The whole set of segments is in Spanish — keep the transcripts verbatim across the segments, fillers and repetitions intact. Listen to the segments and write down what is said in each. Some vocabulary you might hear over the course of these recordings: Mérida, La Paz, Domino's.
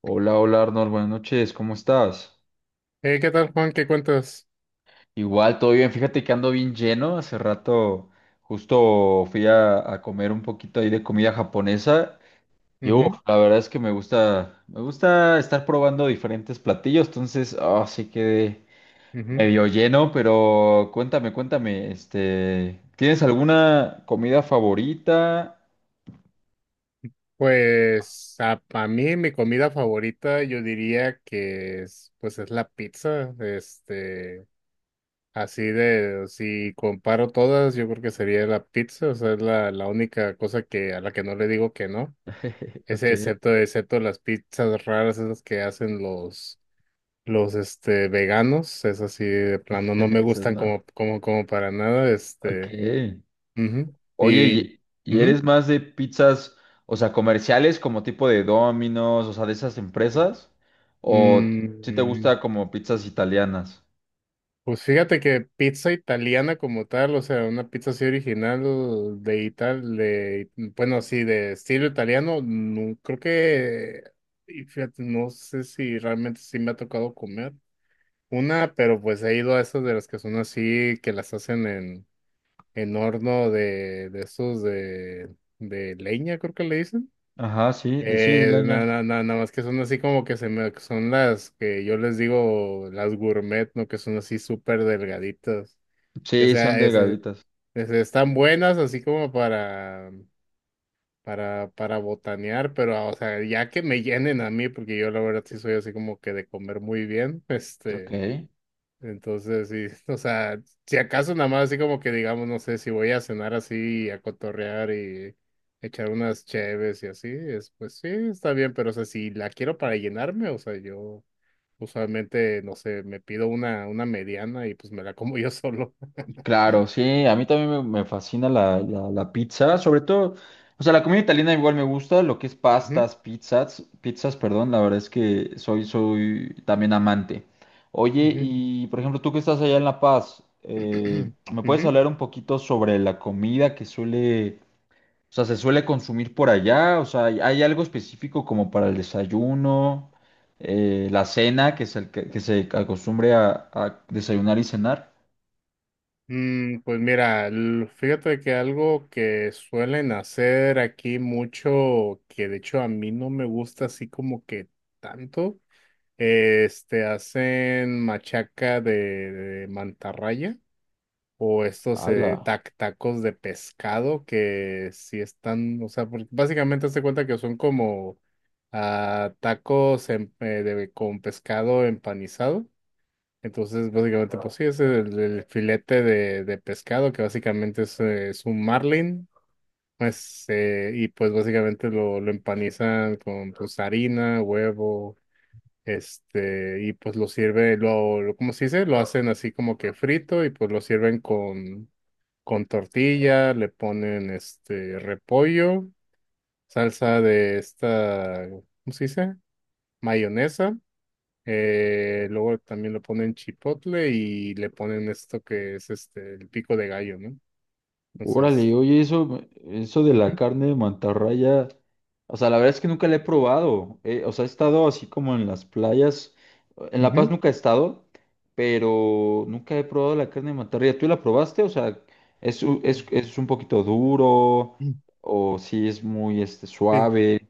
Hola, hola Arnold, buenas noches, ¿cómo estás? Eh, ¿qué tal, Juan? ¿Qué cuentas? Igual, todo bien, fíjate que ando bien lleno, hace rato justo fui a, a comer un poquito ahí de comida japonesa y uf, Ujú, la verdad es que me gusta, me gusta estar probando diferentes platillos, entonces así quedé ujú. medio lleno, pero cuéntame, cuéntame, este, ¿tienes alguna comida favorita? Pues a, a mí mi comida favorita yo diría que es, pues es la pizza. Este, así de, si comparo todas, yo creo que sería la pizza. O sea, es la, la única cosa que a la que no le digo que no. Ok, Ese excepto, excepto las pizzas raras esas que hacen los, los este, veganos. Es así de plano, no me esas gustan no. como, como, como para nada. Ok. Este, ujú. Oye, Y ¿y, y eres ujú. más de pizzas, o sea, comerciales como tipo de Domino's, o sea, de esas empresas? ¿O si te Mm, gusta como pizzas italianas? pues fíjate que pizza italiana como tal, o sea, una pizza así original de Ital, de, bueno, así de estilo italiano, no, creo que, y fíjate, no sé si realmente sí me ha tocado comer una, pero pues he ido a esas de las que son así, que las hacen en, en horno de, de esos de, de leña, creo que le dicen. Ajá, sí, de sí, Eh, leña. nada nada nada más que son así como que se me, son las que yo les digo las gourmet, ¿no? Que son así súper delgaditas. Y, o Sí, son sea, es- es- delgaditas. es- están buenas así como para, para, para botanear, pero ah, o sea, ya que me llenen a mí, porque yo la verdad sí soy así como que de comer muy bien, Ok. este. Entonces, sí, o sea, si acaso nada más así como que digamos, no sé, si voy a cenar así, a cotorrear y echar unas cheves y así, es, pues sí, está bien, pero o sea, si la quiero para llenarme, o sea, yo usualmente, no sé, me pido una, una mediana y pues me la como yo solo. Claro, sí, a mí también me, me fascina la, la- la pizza, sobre todo, o sea, la comida italiana igual me gusta, lo que es Ujú, pastas, pizzas, pizzas, perdón, la verdad es que soy, soy también amante. Oye, ujú, y por ejemplo, tú que estás allá en La Paz, eh, ¿me puedes ujú. hablar un poquito sobre la comida que suele, o sea, se suele consumir por allá? O sea, ¿hay hay algo específico como para el desayuno, eh, la cena, que se, que, que se acostumbre a a desayunar y cenar? Mm, pues mira, l- fíjate que algo que suelen hacer aquí mucho, que de hecho a mí no me gusta así como que tanto. Este, hacen machaca de, de mantarraya o estos eh, ¡Hala! tac- tacos de pescado que sí están, o sea, porque básicamente se cuenta que son como ah, tacos en- eh, de- con pescado empanizado. Entonces, básicamente, pues sí, es el, el filete de, de pescado que básicamente es, eh, es un marlin. Pues, eh, y pues básicamente lo, lo empanizan con pues, harina, huevo este, y pues lo sirve, lo, lo- ¿cómo se dice? Lo hacen así como que frito y pues lo sirven con, con tortilla, le ponen este repollo, salsa de esta, ¿cómo se dice? Mayonesa. eh, luego también le ponen chipotle y le ponen esto que es este, el pico de gallo, ¿no? Entonces, Órale, oye, eso, eso de la ujú, carne de mantarraya, o sea, la verdad es que nunca la he probado. eh, o sea, he estado así como en las playas. En La Paz ujú. nunca he estado, pero nunca he probado la carne de mantarraya. ¿Tú la probaste? O sea, ¿es, u- es, es un poquito duro? Mm. ¿O si es muy este, Fí- suave?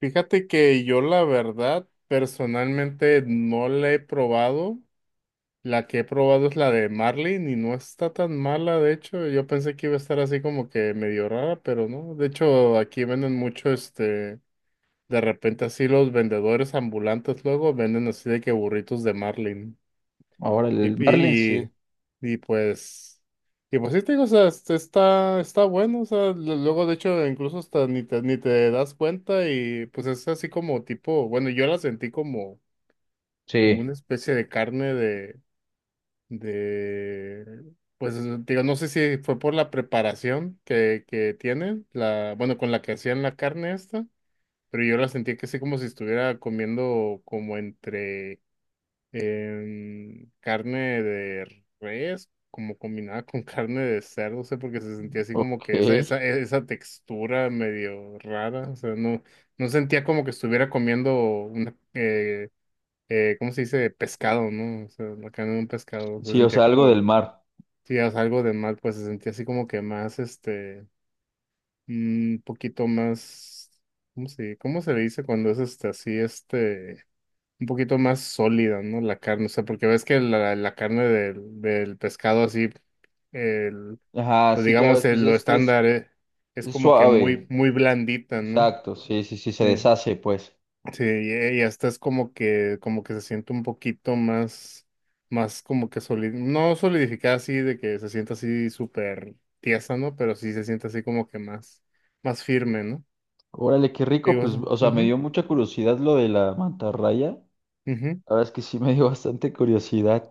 Fíjate que yo la verdad personalmente no la he probado. La que he probado es la de Marlin y no está tan mala, de hecho. Yo pensé que iba a estar así como que medio rara, pero no. De hecho, aquí venden mucho, este, de repente así los vendedores ambulantes luego venden así de que burritos de Marlin. Ahora, Y, el marlin sí. y, y, y pues, y pues sí te digo, o sea, este, está, está bueno, o sea, lo- luego de hecho incluso hasta ni te, ni te das cuenta y pues es así como tipo, bueno, yo la sentí como, como una Sí. especie de carne de, pues digo, no sé si fue por la preparación que, que tienen, la, bueno, con la que hacían la carne esta, pero yo la sentía que sí como si estuviera comiendo como entre em, carne de res, como combinada con carne de cerdo, no sé, porque se sentía así como Ok. que esa, esa, esa textura medio rara, o sea, no, no sentía como que estuviera comiendo una. Eh, eh, ¿cómo se dice? Pescado, ¿no? O sea, la carne de un pescado. Se Sí, o sentía sea, algo del como mar. sí, o algo de mal, pues se sentía así como que más, este, un poquito más, ¿cómo se, cómo se le dice cuando es este, así, este, un poquito más sólida, ¿no? La carne, o sea, porque ves que la, la carne del, del pescado así, el, Ajá, pues sí, digamos, claro, pues el, lo es que es, estándar eh, es, es como que muy, suave. muy blandita, ¿no? Exacto, sí, sí, sí, se Sí, deshace, pues. sí, y y hasta es como que, como que se siente un poquito más, más como que solid, no solidificada así, de que se sienta así súper tiesa, ¿no? Pero sí se siente así como que más, más firme, ¿no? Órale, qué rico, Digo pues, eso. o sea, me Ujú, dio mucha curiosidad lo de la mantarraya. La ujú, verdad es que sí me dio bastante curiosidad.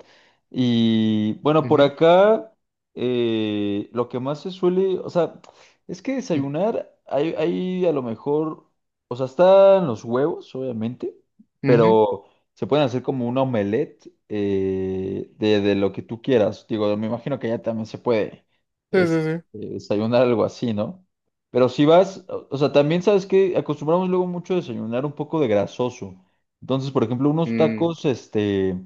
Y bueno, por ujú, acá eh, lo que más se suele, o sea, es que ujú, desayunar, hay, hay a lo mejor, o sea, están los huevos, obviamente, ujú. pero se pueden hacer como un omelette eh, de, de lo que tú quieras. Digo, me imagino que ya también se puede Sí, sí, este, sí. desayunar algo así, ¿no? Pero si vas, o o sea, también sabes que acostumbramos luego mucho a desayunar un poco de grasoso. Entonces, por ejemplo, unos Mm, tacos, este,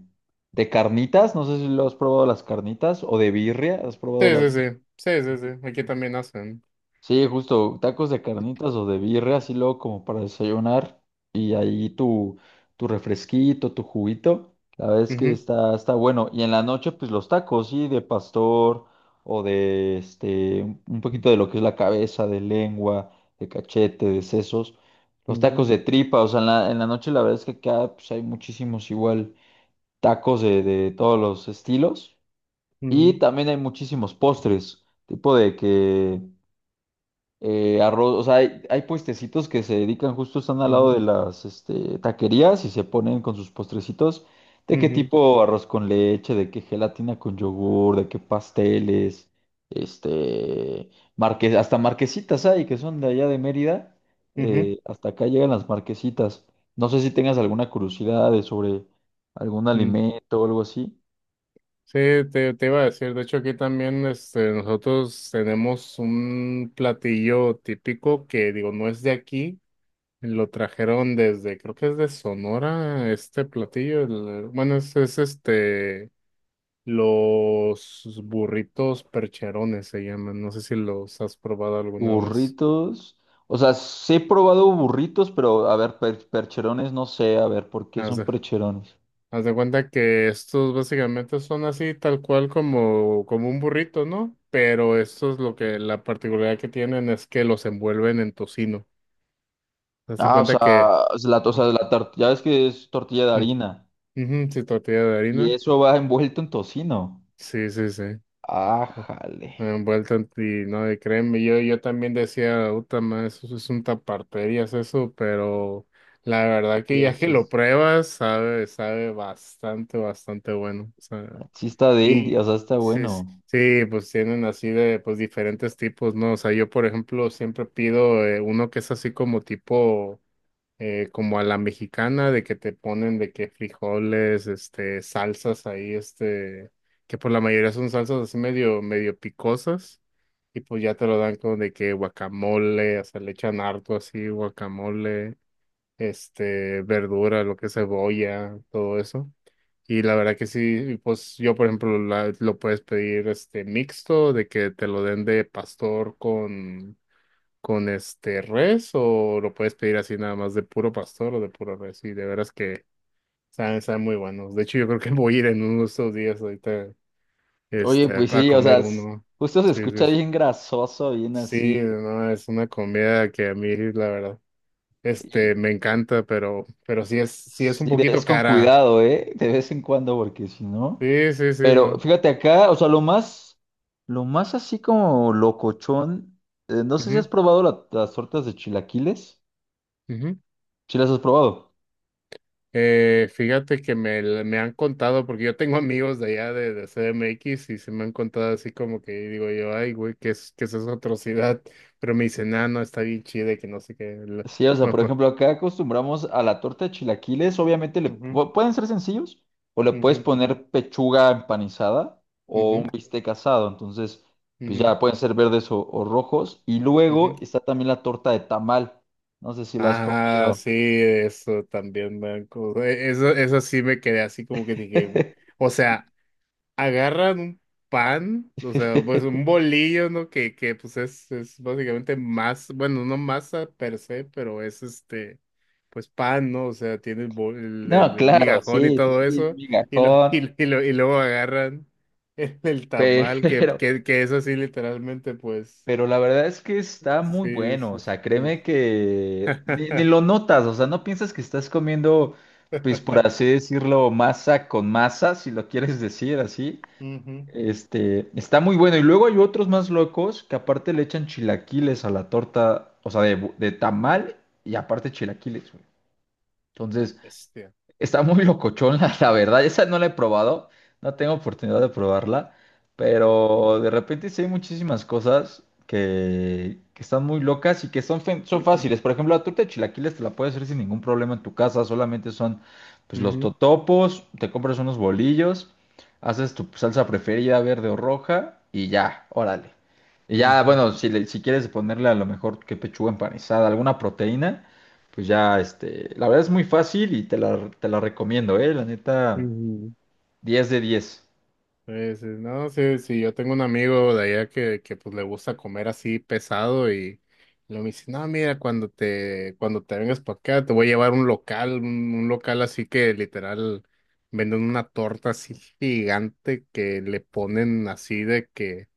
de carnitas, no sé si lo has probado las carnitas, o de birria, ¿has sí, probado la sí, birria? sí. Sí, sí, sí. Aquí también hacen. Sí, justo, tacos de carnitas o de birria, así luego como para desayunar, y ahí tu, tu refresquito, tu juguito, la verdad es que Ujú, está, está bueno. Y en la noche, pues los tacos, sí, de pastor, o de, este, un un poquito de lo que es la cabeza, de lengua, de cachete, de sesos. Los ujú, tacos de tripa, o sea, en la, en la noche la verdad es que acá pues, hay muchísimos igual tacos de, de todos los estilos. Y ujú, también hay muchísimos postres, tipo de que eh, arroz, o sea, hay, hay puestecitos que se dedican justo, están al lado ujú, de las este, taquerías y se ponen con sus postrecitos, de qué ujú, tipo arroz con leche, de qué gelatina con yogur, de qué pasteles, este, marque- hasta marquesitas hay que son de allá de Mérida, ujú. eh, hasta acá llegan las marquesitas. No sé si tengas alguna curiosidad de sobre algún alimento o algo así. Sí, te, te iba a decir, de hecho aquí también este, nosotros tenemos un platillo típico que digo, no es de aquí, lo trajeron desde, creo que es de Sonora, este platillo, el- bueno, es, es este, los burritos percherones se llaman, no sé si los has probado alguna vez. Burritos. O sea, sí he probado burritos, pero a ver, per- percherones no sé, a ver, ¿por qué son percherones? Haz de cuenta que estos básicamente son así tal cual como, como un burrito, ¿no? Pero estos lo que la particularidad que tienen es que los envuelven en tocino. Haz de Ah, o cuenta que. sea, es la, o sea, Ah, la tor- ya ves que es tortilla de mm, harina ujú, sí, tortilla de y harina. eso va envuelto en tocino. Sí, sí, sí. Ah, Ah, jale. envuelta en ti, no, y créeme, yo, yo también decía, uta, ma, eso es un taparterías eso, pero la verdad que Sí, ya que sí, lo sí. pruebas, sabe, sabe bastante, bastante bueno. Sí está de él, Y o sea, está sí, s- bueno. sí, pues tienen así de pues diferentes tipos, ¿no? O sea, yo por ejemplo siempre pido eh, uno que es así como tipo eh, como a la mexicana de que te ponen de que frijoles, este, salsas ahí, este, que por la mayoría son salsas así medio medio picosas y pues ya te lo dan con de que guacamole, o sea, le echan harto así guacamole, este, verdura, lo que es cebolla, todo eso. Y la verdad que sí, pues yo por ejemplo la- lo puedes pedir este mixto, de que te lo den de pastor con, con este res, o lo puedes pedir así nada más de puro pastor o de puro res. Y de veras que saben, saben muy buenos. De hecho, yo creo que voy a ir en uno de estos días ahorita Oye, este, a, pues a sí, o sea, comer es- uno. justo se Sí, escucha sí, sí. bien grasoso, bien Sí, así. no, es una comida que a mí, la verdad, Y este, me encanta, pero, pero sí es, sí es un sí, poquito es con cara. cuidado, ¿eh? De vez en cuando, porque si no. Sí, sí, sí, Pero no. fíjate acá, o sea, lo más, lo más así como locochón, eh, no sé si has Ujú, probado la- las tortas de chilaquiles. ujú. ¿Sí las has probado? Eh, fíjate que me, l- me han contado, porque yo tengo amigos de allá de, de C D M X y se me han contado así como que digo yo, ay, güey, ¿qué es, ¿qué es esa atrocidad? Pero me dicen, ah, no, está bien chida y que no sé qué. la- Sí, o sea, por ejemplo, acá acostumbramos a la torta de chilaquiles, obviamente le Ujú, pu- pueden ser sencillos, o le puedes ujú, poner pechuga empanizada o ujú, un bistec asado, entonces, pues ujú, ya pueden ser verdes o, o rojos. Y ujú. luego está también la torta de tamal, no sé si la has Ah, comido. sí, eso también, me e- Eso, eso sí me quedé así como que dije, "Gu- o sea". Agarran un pan, o sea, pues un bolillo, ¿no? Que, que pues es, es básicamente más, bueno, no masa per se, pero es este, pues pan, ¿no? O sea, tiene el, bol- el- No, el- el claro, migajón y sí, sí, todo sí, es eso, y, lo, migajón. y, y lo, y luego agarran el, el tamal, que, Pero, que, que es así literalmente, pues, pero la verdad es que está muy sí, bueno, o sí, sea, sí. créeme que ni, ni lo notas, o sea, no piensas que estás comiendo, pues por así decirlo, masa con masa, si lo quieres decir así. Ujú. Este, está muy bueno. Y luego hay otros más locos que aparte le echan chilaquiles a la torta, o sea, de, bu- de tamal y aparte chilaquiles, güey. La Entonces, bestia. está muy locochón, la, la verdad. Esa no la he probado, no tengo oportunidad de probarla, Mm. pero de repente sí hay muchísimas cosas que, que están muy locas y que son, fe- son fáciles. Por ejemplo, la torta de chilaquiles te la puedes hacer sin ningún problema en tu casa, solamente son pues, los Ujú, totopos, te compras unos bolillos, haces tu salsa preferida, verde o roja, y ya, órale. Y ya, ujú, bueno, si, le- si quieres ponerle a lo mejor que pechuga empanizada, alguna proteína pues ya, este, la verdad es muy fácil y te la, te la recomiendo, ¿eh? La neta, ujú. diez de diez. Sí, sí, no, sí, sí, yo tengo un amigo de allá que, que pues le gusta comer así pesado y luego me dice, no, mira, cuando te, cuando te vengas para acá, te voy a llevar un local, un, un local así que literal venden una torta así gigante que le ponen así de que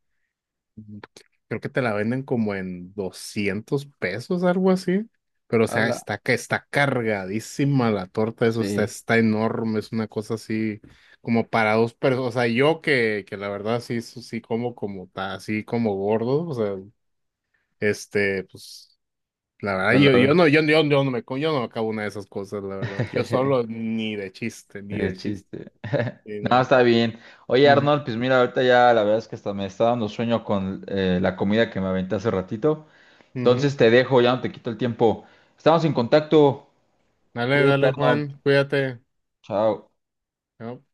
mm, creo que te la venden como en doscientos pesos, algo así. Pero, o sea, Ala, está, ca- está cargadísima la torta, eso está, sí, está enorme, es una cosa así como para dos personas. O sea, yo que, que la verdad sí, sí sí como como ta- así como gordo, o sea, este, pues, la verdad, ya yo, yo la... no, yo, yo, yo no me, co- yo no me acabo una de esas cosas, la verdad. Yo solo ni de chiste, ni Qué de chiste. chiste. Sí, No, no. está bien. Oye, Ujú, Arnold, pues mira, ahorita ya la verdad es que hasta me está dando sueño con eh, la comida que me aventé hace ratito. ujú. Entonces te dejo, ya no te quito el tiempo. Estamos en contacto. Dale, Cuídate, dale, Arnold. Juan, cuídate. Chao. ¿No?